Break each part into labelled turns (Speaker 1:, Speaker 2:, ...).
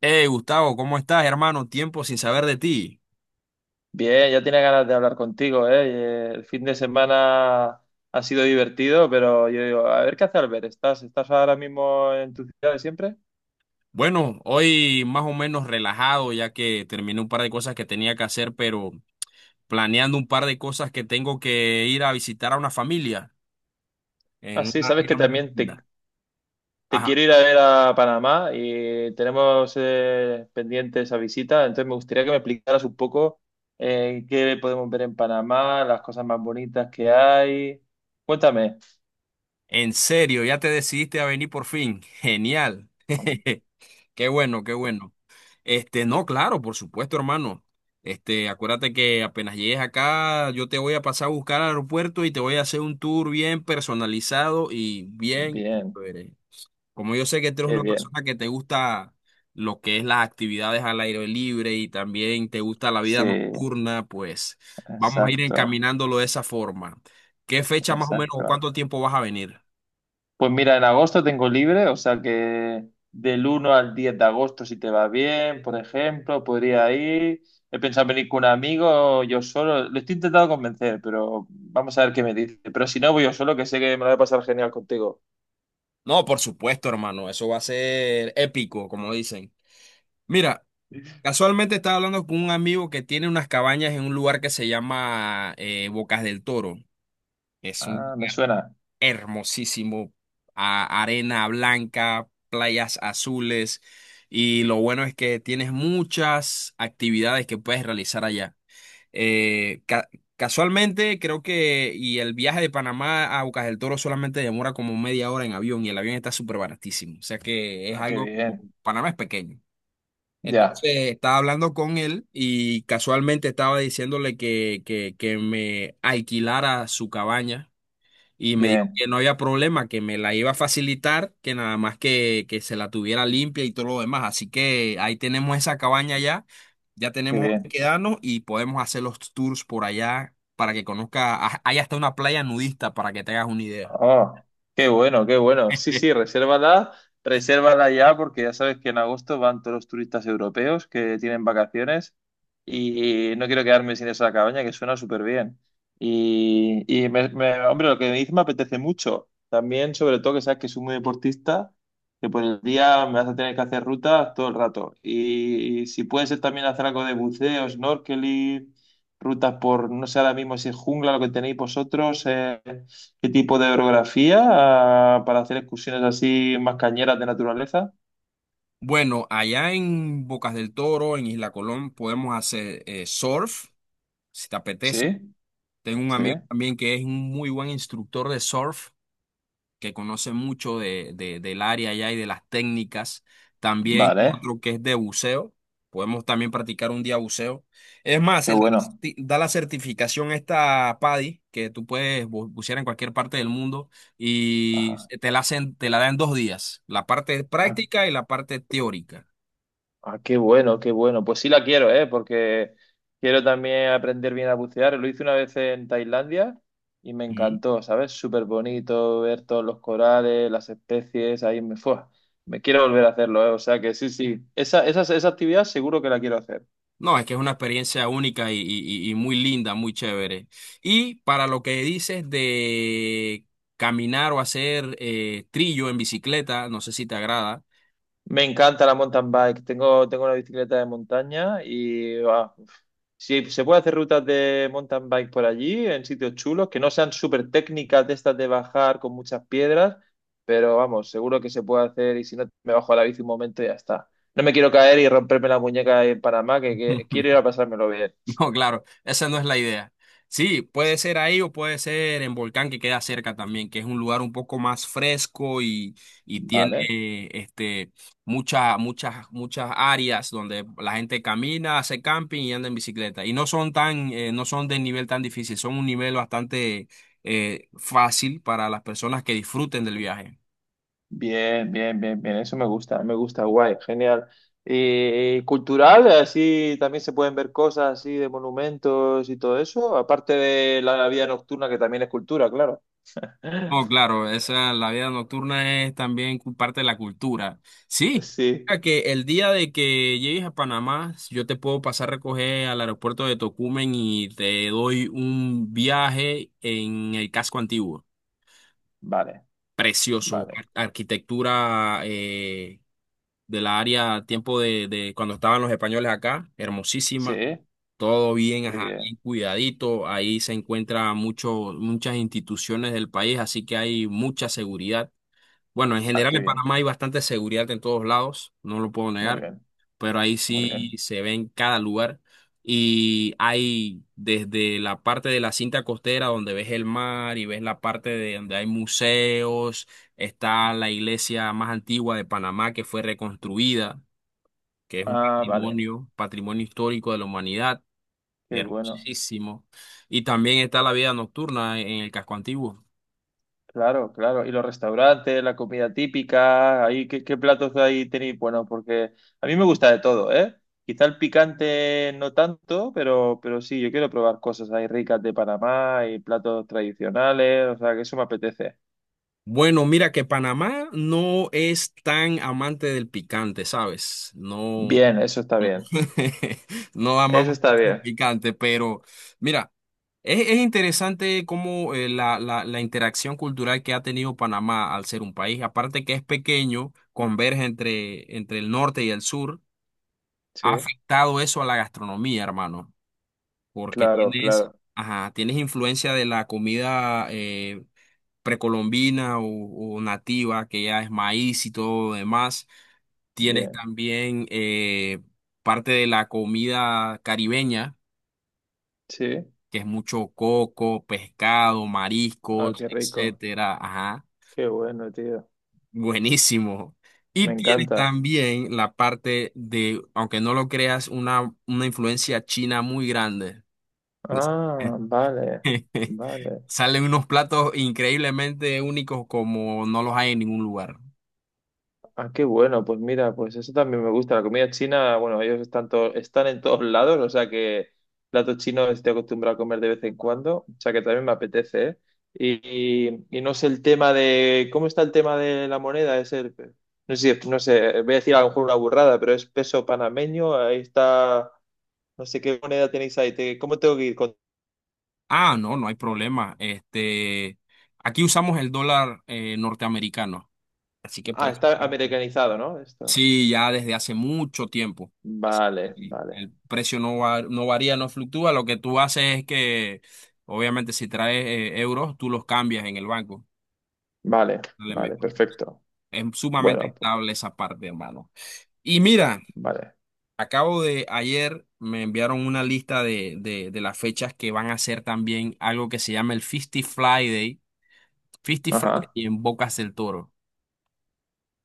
Speaker 1: Hey Gustavo, ¿cómo estás, hermano? Tiempo sin saber de ti.
Speaker 2: Bien, ya tenía ganas de hablar contigo, ¿eh? El fin de semana ha sido divertido, pero yo digo, a ver qué hace Albert, ¿estás ahora mismo en tu ciudad de siempre?
Speaker 1: Bueno, hoy más o menos relajado ya que terminé un par de cosas que tenía que hacer, pero planeando un par de cosas que tengo que ir a visitar a una familia
Speaker 2: Ah,
Speaker 1: en
Speaker 2: sí,
Speaker 1: una
Speaker 2: sabes
Speaker 1: área
Speaker 2: que
Speaker 1: muy
Speaker 2: también te,
Speaker 1: linda.
Speaker 2: te
Speaker 1: Ajá,
Speaker 2: quiero ir a ver a Panamá y tenemos pendiente esa visita, entonces me gustaría que me explicaras un poco qué podemos ver en Panamá, las cosas más bonitas que hay. Cuéntame.
Speaker 1: en serio, ya te decidiste a venir por fin. Genial. Qué bueno, qué bueno. Este, no, claro, por supuesto, hermano. Este, acuérdate que apenas llegues acá, yo te voy a pasar a buscar al aeropuerto y te voy a hacer un tour bien personalizado y bien
Speaker 2: Bien,
Speaker 1: chévere. Como yo sé que tú eres
Speaker 2: qué
Speaker 1: una
Speaker 2: bien.
Speaker 1: persona que te gusta lo que es las actividades al aire libre y también te gusta la
Speaker 2: Sí,
Speaker 1: vida nocturna, pues vamos a ir
Speaker 2: exacto,
Speaker 1: encaminándolo de esa forma. ¿Qué fecha más o menos o
Speaker 2: exacto.
Speaker 1: cuánto tiempo vas a venir?
Speaker 2: Pues mira, en agosto tengo libre, o sea que del 1 al 10 de agosto, si te va bien, por ejemplo, podría ir. He pensado venir con un amigo, yo solo. Lo estoy intentando convencer, pero vamos a ver qué me dice. Pero si no, voy yo solo, que sé que me lo voy a pasar genial contigo.
Speaker 1: No, por supuesto, hermano, eso va a ser épico, como dicen. Mira. Casualmente estaba hablando con un amigo que tiene unas cabañas en un lugar que se llama Bocas del Toro. Es un
Speaker 2: Ah, me
Speaker 1: lugar
Speaker 2: suena.
Speaker 1: hermosísimo, arena blanca, playas azules y lo bueno es que tienes muchas actividades que puedes realizar allá. Eh, ca- casualmente creo que y el viaje de Panamá a Bocas del Toro solamente demora como media hora en avión y el avión está súper baratísimo. O sea que es
Speaker 2: Ah, qué
Speaker 1: algo,
Speaker 2: bien.
Speaker 1: Panamá es pequeño.
Speaker 2: Ya,
Speaker 1: Entonces estaba hablando con él y casualmente estaba diciéndole que me alquilara su cabaña y me dijo
Speaker 2: bien,
Speaker 1: que no había problema, que me la iba a facilitar, que nada más que se la tuviera limpia y todo lo demás. Así que ahí tenemos esa cabaña ya, ya
Speaker 2: qué
Speaker 1: tenemos donde
Speaker 2: bien.
Speaker 1: quedarnos y podemos hacer los tours por allá para que conozca, ah, hay hasta una playa nudista para que te hagas una idea.
Speaker 2: Ah, qué bueno, qué bueno. Sí, sí, resérvala, resérvala ya porque ya sabes que en agosto van todos los turistas europeos que tienen vacaciones y no quiero quedarme sin esa cabaña que suena súper bien. Y, hombre, lo que me dices me apetece mucho. También, sobre todo, que sabes que soy muy deportista, que por el día me vas a tener que hacer rutas todo el rato. Y si puede ser también hacer algo de buceo, snorkeling, rutas por, no sé ahora mismo si es jungla lo que tenéis vosotros. ¿Qué tipo de orografía? Ah, para hacer excursiones así más cañeras de naturaleza.
Speaker 1: Bueno, allá en Bocas del Toro, en Isla Colón, podemos hacer surf, si te apetece.
Speaker 2: Sí,
Speaker 1: Tengo un
Speaker 2: sí.
Speaker 1: amigo también que es un muy buen instructor de surf, que conoce mucho del área allá y de las técnicas. También
Speaker 2: Vale,
Speaker 1: otro que es de buceo. Podemos también practicar un día buceo. Es más,
Speaker 2: qué
Speaker 1: él da la
Speaker 2: bueno.
Speaker 1: da la certificación esta PADI, que tú puedes bucear en cualquier parte del mundo y
Speaker 2: Ajá.
Speaker 1: te la hacen, te la dan dos días, la parte
Speaker 2: Ah,
Speaker 1: práctica y la parte teórica.
Speaker 2: ah, qué bueno, qué bueno. Pues sí la quiero, ¿eh? Porque quiero también aprender bien a bucear. Lo hice una vez en Tailandia y me encantó, ¿sabes? Súper bonito ver todos los corales, las especies, ahí me fue. Me quiero volver a hacerlo, ¿eh? O sea que sí, sí. Esa actividad seguro que la quiero hacer.
Speaker 1: No, es que es una experiencia única y muy linda, muy chévere. Y para lo que dices de caminar o hacer trillo en bicicleta, no sé si te agrada.
Speaker 2: Me encanta la mountain bike. Tengo una bicicleta de montaña y ah, si se puede hacer rutas de mountain bike por allí, en sitios chulos, que no sean súper técnicas de estas de bajar con muchas piedras, pero vamos, seguro que se puede hacer y si no, me bajo a la bici un momento y ya está. No me quiero caer y romperme la muñeca en Panamá, que quiero ir a pasármelo bien.
Speaker 1: No, claro, esa no es la idea. Sí, puede ser ahí o puede ser en Volcán que queda cerca también, que es un lugar un poco más fresco y tiene
Speaker 2: Vale.
Speaker 1: muchas, muchas, muchas áreas donde la gente camina, hace camping y anda en bicicleta. Y no son tan, no son de nivel tan difícil, son un nivel bastante fácil para las personas que disfruten del viaje.
Speaker 2: Bien, bien, bien, bien, eso me gusta, guay, genial. ¿Y cultural? Así también se pueden ver cosas así de monumentos y todo eso, aparte de la vida nocturna que también es cultura, claro.
Speaker 1: No, claro, esa, la vida nocturna es también parte de la cultura. Sí,
Speaker 2: Sí,
Speaker 1: mira que el día de que llegues a Panamá, yo te puedo pasar a recoger al aeropuerto de Tocumen y te doy un viaje en el casco antiguo.
Speaker 2: vale,
Speaker 1: Precioso,
Speaker 2: vale.
Speaker 1: arquitectura de la área, tiempo de cuando estaban los españoles acá,
Speaker 2: Sí,
Speaker 1: hermosísima.
Speaker 2: qué
Speaker 1: Todo bien, ajá, bien
Speaker 2: bien,
Speaker 1: cuidadito. Ahí se encuentran muchas instituciones del país, así que hay mucha seguridad. Bueno, en
Speaker 2: ah,
Speaker 1: general
Speaker 2: qué
Speaker 1: en
Speaker 2: bien,
Speaker 1: Panamá hay bastante seguridad en todos lados, no lo puedo
Speaker 2: muy
Speaker 1: negar,
Speaker 2: bien,
Speaker 1: pero ahí
Speaker 2: muy
Speaker 1: sí
Speaker 2: bien.
Speaker 1: se ve en cada lugar y hay desde la parte de la cinta costera donde ves el mar y ves la parte de donde hay museos, está la iglesia más antigua de Panamá que fue reconstruida, que es un
Speaker 2: Ah, vale,
Speaker 1: patrimonio, patrimonio histórico de la humanidad,
Speaker 2: qué bueno.
Speaker 1: hermosísimo, y también está la vida nocturna en el casco antiguo.
Speaker 2: Claro, claro. Y los restaurantes, la comida típica, ahí, ¿qué platos ahí tenéis? Bueno, porque a mí me gusta de todo, ¿eh? Quizá el picante no tanto, pero sí, yo quiero probar cosas ahí ricas de Panamá y platos tradicionales, o sea, que eso me apetece.
Speaker 1: Bueno, mira que Panamá no es tan amante del picante, ¿sabes? No,
Speaker 2: Bien, eso está
Speaker 1: no
Speaker 2: bien.
Speaker 1: no
Speaker 2: Eso
Speaker 1: amamos
Speaker 2: está
Speaker 1: el
Speaker 2: bien.
Speaker 1: picante, pero mira, es interesante cómo la interacción cultural que ha tenido Panamá al ser un país, aparte que es pequeño, converge entre el norte y el sur,
Speaker 2: Sí,
Speaker 1: ha afectado eso a la gastronomía, hermano, porque
Speaker 2: claro,
Speaker 1: tienes,
Speaker 2: claro.
Speaker 1: ajá, tienes influencia de la comida. Precolombina o nativa, que ya es maíz y todo lo demás. Tienes
Speaker 2: Bien,
Speaker 1: también parte de la comida caribeña,
Speaker 2: sí.
Speaker 1: que es mucho coco, pescado,
Speaker 2: Ah,
Speaker 1: mariscos,
Speaker 2: qué rico.
Speaker 1: etcétera. Ajá,
Speaker 2: Qué bueno, tío.
Speaker 1: buenísimo.
Speaker 2: Me
Speaker 1: Y tienes
Speaker 2: encanta.
Speaker 1: también la parte de, aunque no lo creas, una influencia china muy grande.
Speaker 2: Ah, vale, vale.
Speaker 1: Salen unos platos increíblemente únicos como no los hay en ningún lugar.
Speaker 2: Ah, qué bueno, pues mira, pues eso también me gusta. La comida china, bueno, ellos están, están en todos lados, o sea que plato chino estoy acostumbrado a comer de vez en cuando, o sea que también me apetece, ¿eh? Y, y no sé el tema de, ¿cómo está el tema de la moneda? Es el, no sé, si, no sé, voy a decir a lo mejor una burrada, pero es peso panameño, ahí está, no sé qué moneda tenéis ahí, ¿cómo tengo que ir con...
Speaker 1: Ah, no, no hay problema. Este, aquí usamos el dólar norteamericano, así que por
Speaker 2: Ah,
Speaker 1: eso.
Speaker 2: está americanizado, ¿no? Esto.
Speaker 1: Sí, ya desde hace mucho tiempo. Así que
Speaker 2: Vale,
Speaker 1: sí,
Speaker 2: vale,
Speaker 1: el precio no varía, no fluctúa. Lo que tú haces es que, obviamente, si traes euros, tú los cambias en el banco.
Speaker 2: vale,
Speaker 1: Dale, me-
Speaker 2: vale, perfecto.
Speaker 1: Es sumamente
Speaker 2: Bueno, pues,
Speaker 1: estable esa parte, hermano. Y mira,
Speaker 2: vale.
Speaker 1: acabo de ayer me enviaron una lista de las fechas que van a hacer también algo que se llama el 50 Friday Fifty Friday
Speaker 2: Ajá.
Speaker 1: y en Bocas del Toro.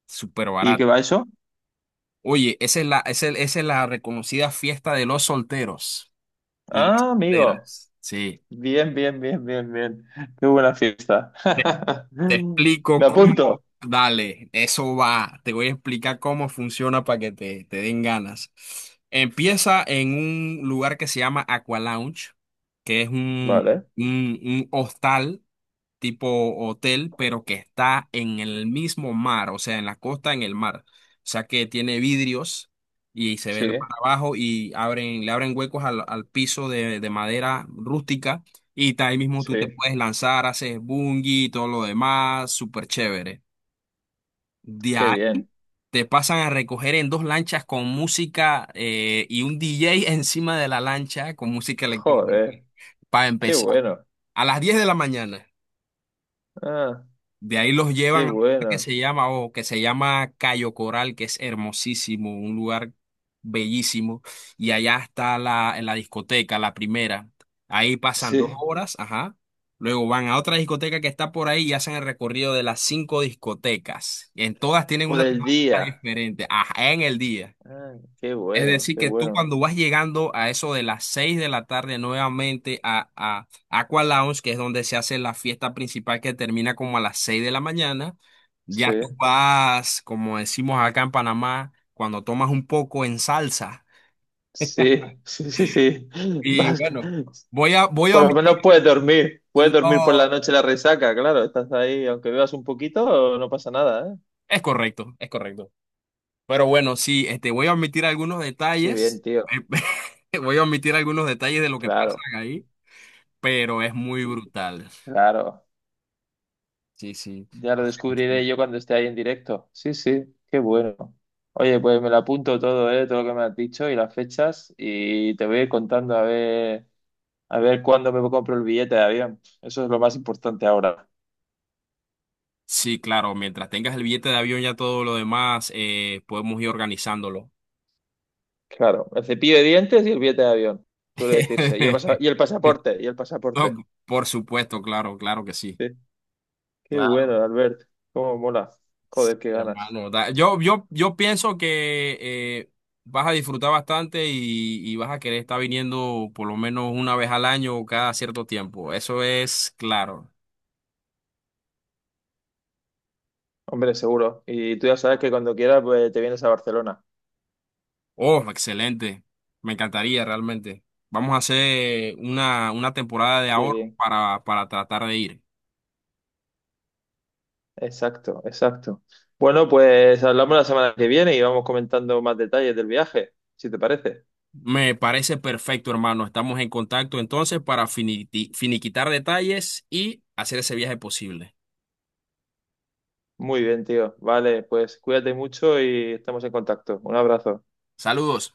Speaker 1: Súper
Speaker 2: ¿Y qué
Speaker 1: barato.
Speaker 2: va eso?
Speaker 1: Oye, esa es la reconocida fiesta de los solteros y las
Speaker 2: Ah, amigo.
Speaker 1: solteras. Sí.
Speaker 2: Bien, bien, bien, bien, bien. Qué buena fiesta.
Speaker 1: Te, Te explico
Speaker 2: Me
Speaker 1: cómo.
Speaker 2: apunto.
Speaker 1: Dale, eso va. Te voy a explicar cómo funciona para que te den ganas. Empieza en un lugar que se llama Aqua Lounge, que es
Speaker 2: Vale.
Speaker 1: un hostal tipo hotel, pero que está en el mismo mar, o sea, en la costa, en el mar. O sea, que tiene vidrios y se ve
Speaker 2: Sí,
Speaker 1: el mar abajo y abren, le abren huecos al piso de madera rústica y ahí mismo tú te
Speaker 2: sí.
Speaker 1: puedes lanzar, haces bungee y todo lo demás, súper chévere. De
Speaker 2: Qué
Speaker 1: ahí
Speaker 2: bien.
Speaker 1: te pasan a recoger en dos lanchas con música y un DJ encima de la lancha con música electrónica
Speaker 2: Joder.
Speaker 1: para
Speaker 2: Qué
Speaker 1: empezar
Speaker 2: bueno.
Speaker 1: a las 10 de la mañana.
Speaker 2: Ah,
Speaker 1: De ahí los
Speaker 2: qué
Speaker 1: llevan a un lugar que
Speaker 2: bueno.
Speaker 1: se llama, o que se llama Cayo Coral, que es hermosísimo, un lugar bellísimo. Y allá está la, en la discoteca, la primera. Ahí pasan dos
Speaker 2: Sí.
Speaker 1: horas, ajá. Luego van a otra discoteca que está por ahí y hacen el recorrido de las cinco discotecas. En todas tienen
Speaker 2: Por
Speaker 1: una
Speaker 2: el
Speaker 1: temática
Speaker 2: día.
Speaker 1: diferente, ajá, en el día.
Speaker 2: Ah, qué
Speaker 1: Es
Speaker 2: bueno,
Speaker 1: decir,
Speaker 2: qué
Speaker 1: que tú
Speaker 2: bueno.
Speaker 1: cuando vas llegando a eso de las 6 de la tarde nuevamente a Aqua Lounge, que es donde se hace la fiesta principal que termina como a las 6 de la mañana,
Speaker 2: Sí,
Speaker 1: ya tú vas, como decimos acá en Panamá, cuando tomas un poco en salsa.
Speaker 2: sí, sí, sí, sí.
Speaker 1: Y
Speaker 2: Vas que-
Speaker 1: bueno, voy a
Speaker 2: Por lo
Speaker 1: omitir,
Speaker 2: menos puedes dormir. Puedes dormir por
Speaker 1: no,
Speaker 2: la noche la resaca, claro. Estás ahí, aunque bebas un poquito, no pasa nada, ¿eh?
Speaker 1: es correcto, es correcto. Pero bueno, sí, este, voy a omitir algunos
Speaker 2: Qué bien,
Speaker 1: detalles,
Speaker 2: tío.
Speaker 1: voy a omitir algunos detalles de lo que pasa
Speaker 2: Claro.
Speaker 1: ahí, pero es muy brutal.
Speaker 2: Claro,
Speaker 1: Sí, sí.
Speaker 2: ya lo descubriré
Speaker 1: Sí.
Speaker 2: yo cuando esté ahí en directo. Sí, sí, qué bueno. Oye, pues me lo apunto todo, todo lo que me has dicho y las fechas y te voy a ir contando a ver cuándo me compro el billete de avión. Eso es lo más importante ahora.
Speaker 1: Sí, claro, mientras tengas el billete de avión ya todo lo demás, podemos ir organizándolo.
Speaker 2: Claro, el cepillo de dientes y el billete de avión, suele decirse. Y y el pasaporte, y el
Speaker 1: No,
Speaker 2: pasaporte.
Speaker 1: por supuesto, claro, claro que sí.
Speaker 2: Sí, qué
Speaker 1: Claro.
Speaker 2: bueno, Albert. Cómo mola.
Speaker 1: Sí,
Speaker 2: Joder, qué ganas.
Speaker 1: hermano. Yo pienso que eh, vas a disfrutar bastante y vas a querer estar viniendo por lo menos una vez al año o cada cierto tiempo. Eso es claro.
Speaker 2: Hombre, seguro. Y tú ya sabes que cuando quieras, pues, te vienes a Barcelona.
Speaker 1: Oh, excelente. Me encantaría realmente. Vamos a hacer una temporada de
Speaker 2: Qué
Speaker 1: ahorro
Speaker 2: bien.
Speaker 1: para tratar de ir.
Speaker 2: Exacto, exacto. Bueno, pues hablamos la semana que viene y vamos comentando más detalles del viaje, si te parece.
Speaker 1: Me parece perfecto, hermano. Estamos en contacto entonces para finiquitar detalles y hacer ese viaje posible.
Speaker 2: Muy bien, tío. Vale, pues cuídate mucho y estamos en contacto. Un abrazo.
Speaker 1: Saludos.